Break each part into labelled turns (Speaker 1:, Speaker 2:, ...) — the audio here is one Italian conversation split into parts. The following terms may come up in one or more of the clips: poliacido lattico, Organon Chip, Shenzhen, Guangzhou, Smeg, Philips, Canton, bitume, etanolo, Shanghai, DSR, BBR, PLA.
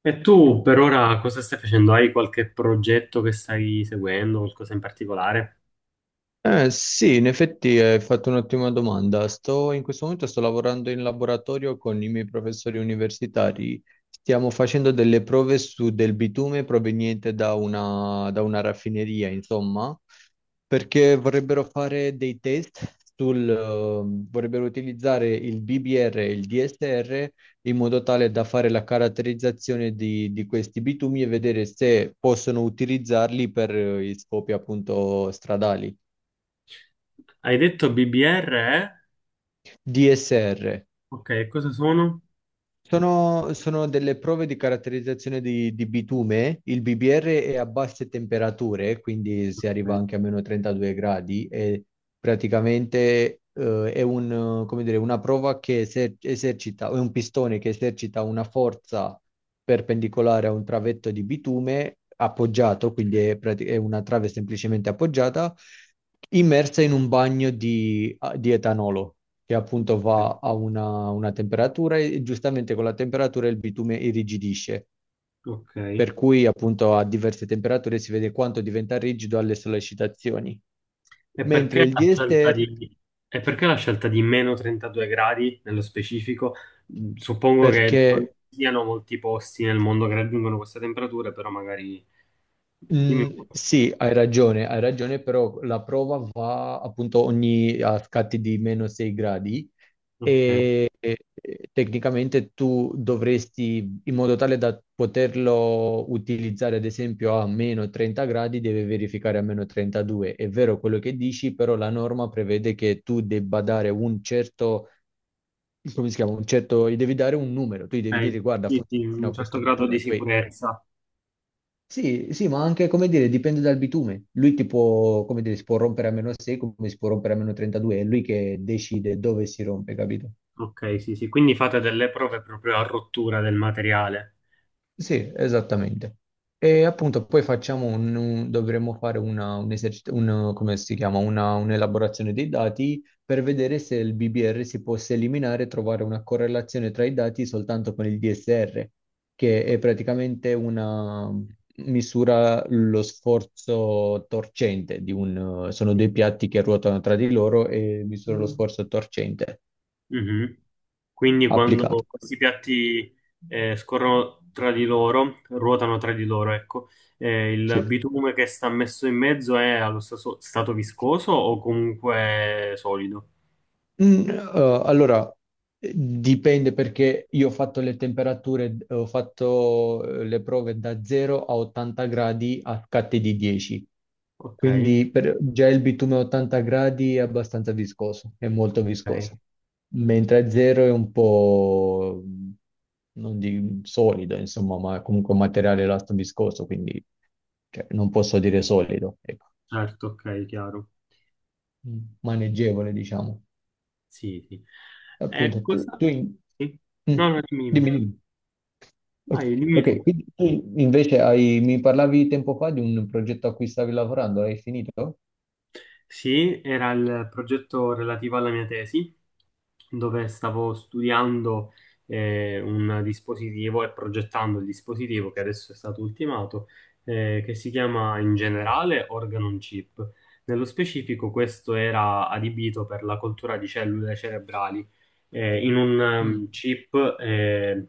Speaker 1: E tu per ora cosa stai facendo? Hai qualche progetto che stai seguendo, qualcosa in particolare?
Speaker 2: Sì, in effetti hai fatto un'ottima domanda. In questo momento sto lavorando in laboratorio con i miei professori universitari. Stiamo facendo delle prove su del bitume proveniente da una raffineria, insomma, perché vorrebbero fare dei test vorrebbero utilizzare il BBR e il DSR in modo tale da fare la caratterizzazione di questi bitumi e vedere se possono utilizzarli per gli scopi appunto stradali.
Speaker 1: Hai detto BBR, eh?
Speaker 2: DSR.
Speaker 1: Ok, cosa sono?
Speaker 2: Sono delle prove di caratterizzazione di bitume. Il BBR è a basse temperature, quindi si arriva
Speaker 1: Ok.
Speaker 2: anche a meno 32 gradi e praticamente come dire, una prova che esercita, è un pistone che esercita una forza perpendicolare a un travetto di bitume appoggiato, quindi è una trave semplicemente appoggiata, immersa in un bagno di etanolo che appunto va a una temperatura e giustamente con la temperatura il bitume irrigidisce,
Speaker 1: Ok.
Speaker 2: per cui appunto a diverse temperature si vede quanto diventa rigido alle sollecitazioni.
Speaker 1: E perché
Speaker 2: Mentre il
Speaker 1: la scelta
Speaker 2: DSR,
Speaker 1: di, e perché la scelta di meno 32 gradi nello specifico? Mm, suppongo che
Speaker 2: perché
Speaker 1: non ci siano molti posti nel mondo che raggiungono queste temperature, però magari... Dimmi un po'.
Speaker 2: Sì, hai ragione, però la prova va appunto ogni a scatti di meno 6 gradi
Speaker 1: Ok,
Speaker 2: e tecnicamente tu dovresti, in modo tale da poterlo utilizzare ad esempio a meno 30 gradi, deve verificare a meno 32. È vero quello che dici, però la norma prevede che tu debba dare un certo come si chiama, un certo, gli devi dare un numero, tu gli devi
Speaker 1: ok.
Speaker 2: dire guarda,
Speaker 1: Sì,
Speaker 2: funziona
Speaker 1: sì,
Speaker 2: fino
Speaker 1: un
Speaker 2: a
Speaker 1: certo
Speaker 2: questo
Speaker 1: grado di
Speaker 2: bitume, poi
Speaker 1: sicurezza.
Speaker 2: sì, sì, ma anche, come dire, dipende dal bitume. Lui ti può, come dire, si può rompere a meno 6, come si può rompere a meno 32, è lui che decide dove si rompe, capito?
Speaker 1: Ok, sì, sì, quindi fate delle prove proprio a rottura del materiale.
Speaker 2: Sì, esattamente. E appunto poi facciamo dovremmo fare una, un esercit- un- come si chiama? Un'elaborazione dei dati per vedere se il BBR si possa eliminare e trovare una correlazione tra i dati soltanto con il DSR, che è praticamente una misura lo sforzo torcente sono
Speaker 1: Sì.
Speaker 2: due piatti che ruotano tra di loro e misura lo sforzo torcente
Speaker 1: Mhm. Quindi quando
Speaker 2: applicato.
Speaker 1: questi piatti scorrono tra di loro, ruotano tra di loro, ecco, il
Speaker 2: Sì.
Speaker 1: bitume che sta messo in mezzo è allo stesso stato viscoso o comunque solido?
Speaker 2: Allora, dipende perché io ho fatto le temperature, ho fatto le prove da 0 a 80 gradi a scatte di 10,
Speaker 1: Ok,
Speaker 2: quindi già il bitume a 80 gradi è abbastanza viscoso, è molto
Speaker 1: ok,
Speaker 2: viscoso, mentre a 0 è un po', non di solido, insomma, ma comunque un materiale elasto viscoso, quindi cioè, non posso dire solido, ecco.
Speaker 1: certo, ok, chiaro.
Speaker 2: Maneggevole, diciamo.
Speaker 1: Sì, sì. E
Speaker 2: Appunto tu,
Speaker 1: cosa?
Speaker 2: tu
Speaker 1: Sì.
Speaker 2: mm,
Speaker 1: No, no, dimmi,
Speaker 2: dimmi,
Speaker 1: dimmi.
Speaker 2: dimmi. Ok,
Speaker 1: Vai, dimmi
Speaker 2: ok,
Speaker 1: tu.
Speaker 2: quindi tu invece hai, mi parlavi tempo fa di un progetto a cui stavi lavorando, l'hai finito?
Speaker 1: Sì, era il progetto relativo alla mia tesi, dove stavo studiando un dispositivo e progettando il dispositivo che adesso è stato ultimato, che si chiama in generale Organon Chip. Nello specifico, questo era adibito per la coltura di cellule cerebrali in un
Speaker 2: Mm.
Speaker 1: chip eh,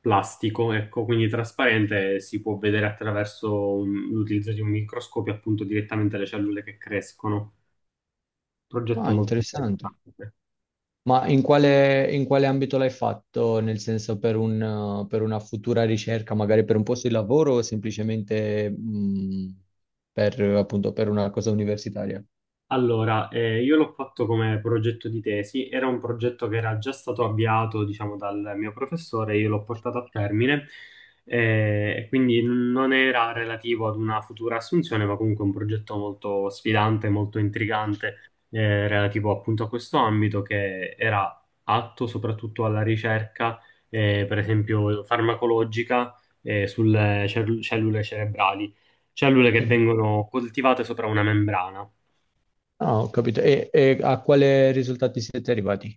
Speaker 1: plastico, ecco, quindi trasparente, e si può vedere attraverso l'utilizzo di un microscopio appunto direttamente le cellule che crescono. Progetto
Speaker 2: Ah,
Speaker 1: molto
Speaker 2: interessante.
Speaker 1: interessante.
Speaker 2: Ma in quale ambito l'hai fatto? Nel senso per una futura ricerca, magari per un posto di lavoro o semplicemente per, appunto, per una cosa universitaria?
Speaker 1: Allora, io l'ho fatto come progetto di tesi, era un progetto che era già stato avviato, diciamo, dal mio professore, io l'ho portato a termine, e quindi non era relativo ad una futura assunzione, ma comunque un progetto molto sfidante, molto intrigante, relativo appunto a questo ambito che era atto soprattutto alla ricerca, per esempio farmacologica, sulle cellule cerebrali, cellule che
Speaker 2: Mm.
Speaker 1: vengono coltivate sopra una membrana.
Speaker 2: Ah, ho capito. E a quale risultati siete arrivati?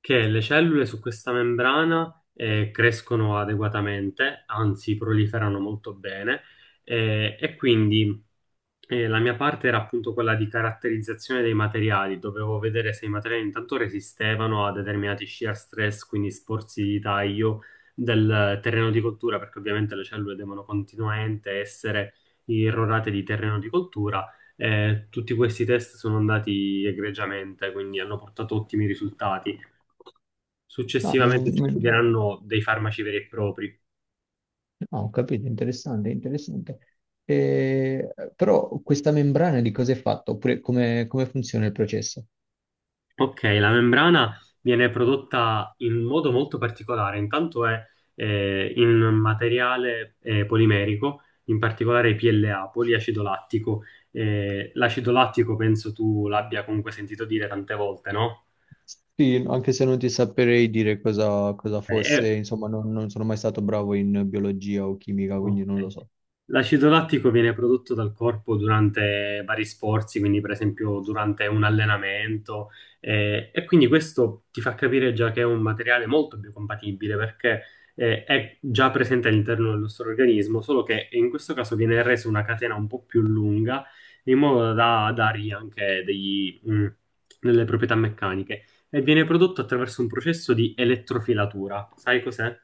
Speaker 1: Che le cellule su questa membrana crescono adeguatamente, anzi proliferano molto bene, eh, e quindi la mia parte era appunto quella di caratterizzazione dei materiali, dovevo vedere se i materiali intanto resistevano a determinati shear stress, quindi sforzi di taglio del terreno di coltura, perché ovviamente le cellule devono continuamente essere irrorate di terreno di coltura. Tutti questi test sono andati egregiamente, quindi hanno portato ottimi risultati.
Speaker 2: No, meno,
Speaker 1: Successivamente si
Speaker 2: meno.
Speaker 1: studieranno dei farmaci veri e propri.
Speaker 2: No, ho capito, interessante, interessante. Però questa membrana di cosa è fatta? Oppure come funziona il processo?
Speaker 1: Ok, la membrana viene prodotta in modo molto particolare, intanto è in materiale polimerico, in particolare PLA, poliacido lattico. L'acido lattico penso tu l'abbia comunque sentito dire tante volte, no?
Speaker 2: Sì, anche se non ti saprei dire cosa
Speaker 1: Ok, È
Speaker 2: fosse, insomma, non sono mai stato bravo in biologia o chimica, quindi
Speaker 1: Ok.
Speaker 2: non lo so.
Speaker 1: L'acido lattico viene prodotto dal corpo durante vari sforzi, quindi per esempio durante un allenamento, e quindi questo ti fa capire già che è un materiale molto biocompatibile perché è già presente all'interno del nostro organismo, solo che in questo caso viene resa una catena un po' più lunga, in modo da dargli anche degli, delle proprietà meccaniche, e viene prodotto attraverso un processo di elettrofilatura. Sai cos'è?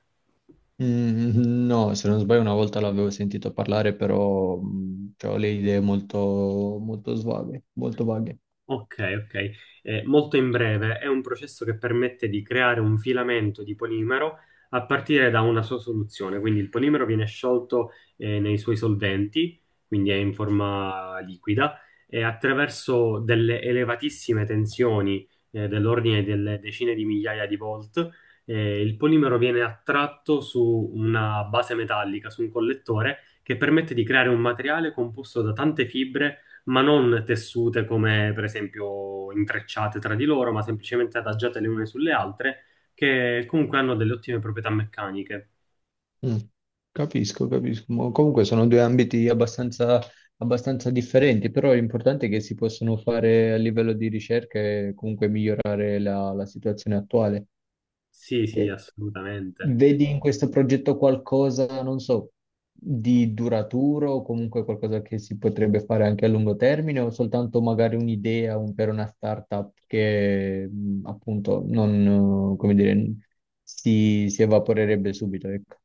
Speaker 2: Mm, no, se non sbaglio una volta l'avevo sentito parlare, però cioè, ho le idee molto, molto svaghe, molto vaghe.
Speaker 1: Ok, ok. Molto in breve, è un processo che permette di creare un filamento di polimero a partire da una sua soluzione. Quindi il polimero viene sciolto nei suoi solventi, quindi è in forma liquida, e attraverso delle elevatissime tensioni dell'ordine delle decine di migliaia di volt, il polimero viene attratto su una base metallica, su un collettore, che permette di creare un materiale composto da tante fibre ma non tessute come per esempio intrecciate tra di loro, ma semplicemente adagiate le une sulle altre, che comunque hanno delle ottime proprietà meccaniche.
Speaker 2: Mm, Capisco, capisco. Ma comunque sono due ambiti abbastanza differenti, però l'importante è che si possano fare a livello di ricerca e comunque migliorare la situazione attuale.
Speaker 1: Sì, sì,
Speaker 2: E
Speaker 1: assolutamente.
Speaker 2: vedi in questo progetto qualcosa, non so, di duraturo o comunque qualcosa che si potrebbe fare anche a lungo termine o soltanto magari un'idea per una startup che appunto non, come dire, si evaporerebbe subito, ecco.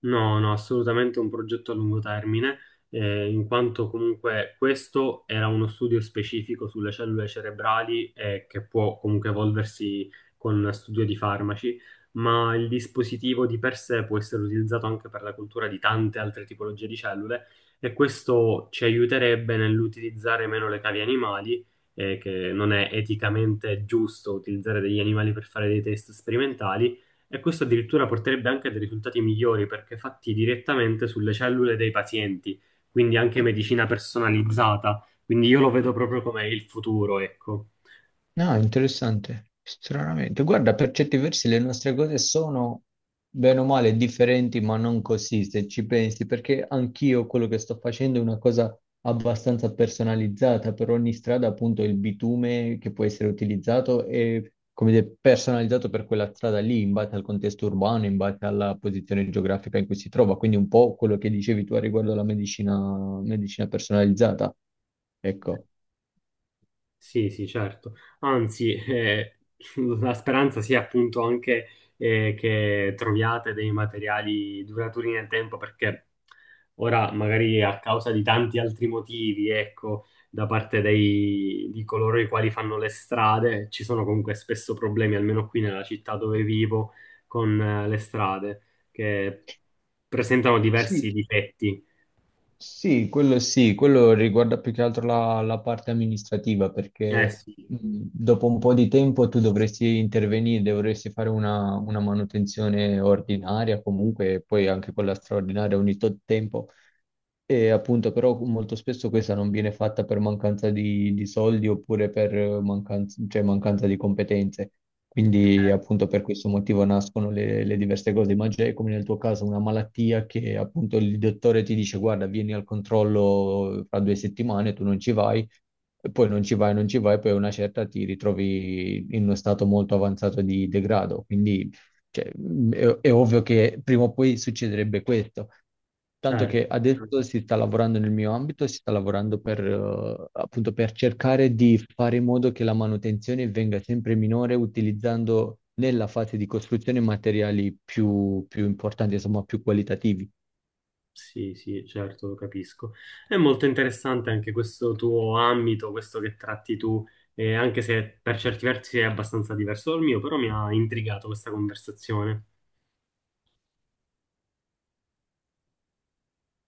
Speaker 1: No, no, assolutamente un progetto a lungo termine, in quanto comunque questo era uno studio specifico sulle cellule cerebrali che può comunque evolversi con studio di farmaci, ma il dispositivo di per sé può essere utilizzato anche per la cultura di tante altre tipologie di cellule e questo ci aiuterebbe nell'utilizzare meno le cavi animali, che non è eticamente giusto utilizzare degli animali per fare dei test sperimentali e questo addirittura porterebbe anche a dei risultati migliori perché fatti direttamente sulle cellule dei pazienti, quindi anche medicina personalizzata. Quindi io lo vedo proprio come il futuro, ecco.
Speaker 2: No, interessante, stranamente. Guarda, per certi versi le nostre cose sono bene o male differenti, ma non così, se ci pensi, perché anch'io quello che sto facendo è una cosa abbastanza personalizzata. Per ogni strada, appunto, il bitume che può essere utilizzato è, come dire, personalizzato per quella strada lì, in base al contesto urbano, in base alla posizione geografica in cui si trova. Quindi un po' quello che dicevi tu a riguardo alla medicina, medicina personalizzata. Ecco.
Speaker 1: Sì, sì, certo. Anzi, la speranza sia appunto anche che troviate dei materiali duraturi nel tempo, perché ora magari a causa di tanti altri motivi, ecco, da parte di coloro i quali fanno le strade, ci sono comunque spesso problemi, almeno qui nella città dove vivo, con le strade, che presentano
Speaker 2: Sì,
Speaker 1: diversi difetti.
Speaker 2: Sì, quello sì, quello riguarda più che altro la parte amministrativa,
Speaker 1: Eh
Speaker 2: perché
Speaker 1: sì,
Speaker 2: mh, dopo un po' di tempo tu dovresti intervenire, dovresti fare una manutenzione ordinaria comunque, e poi anche quella straordinaria ogni tot tempo. E appunto, però molto spesso questa non viene fatta per mancanza di soldi oppure per mancanza, cioè mancanza di competenze. Quindi
Speaker 1: eh,
Speaker 2: appunto per questo motivo nascono le diverse cose, ma già è come nel tuo caso una malattia che appunto il dottore ti dice guarda, vieni al controllo fra 2 settimane, tu non ci vai, e poi non ci vai, non ci vai, poi a una certa ti ritrovi in uno stato molto avanzato di degrado. Quindi cioè, è ovvio che prima o poi succederebbe questo. Tanto che
Speaker 1: certo.
Speaker 2: adesso si sta lavorando nel mio ambito, si sta lavorando per, appunto, per cercare di fare in modo che la manutenzione venga sempre minore utilizzando nella fase di costruzione materiali più, più importanti, insomma, più qualitativi.
Speaker 1: Sì, sì, certo, lo capisco. È molto interessante anche questo tuo ambito, questo che tratti tu, anche se per certi versi è abbastanza diverso dal mio, però mi ha intrigato questa conversazione.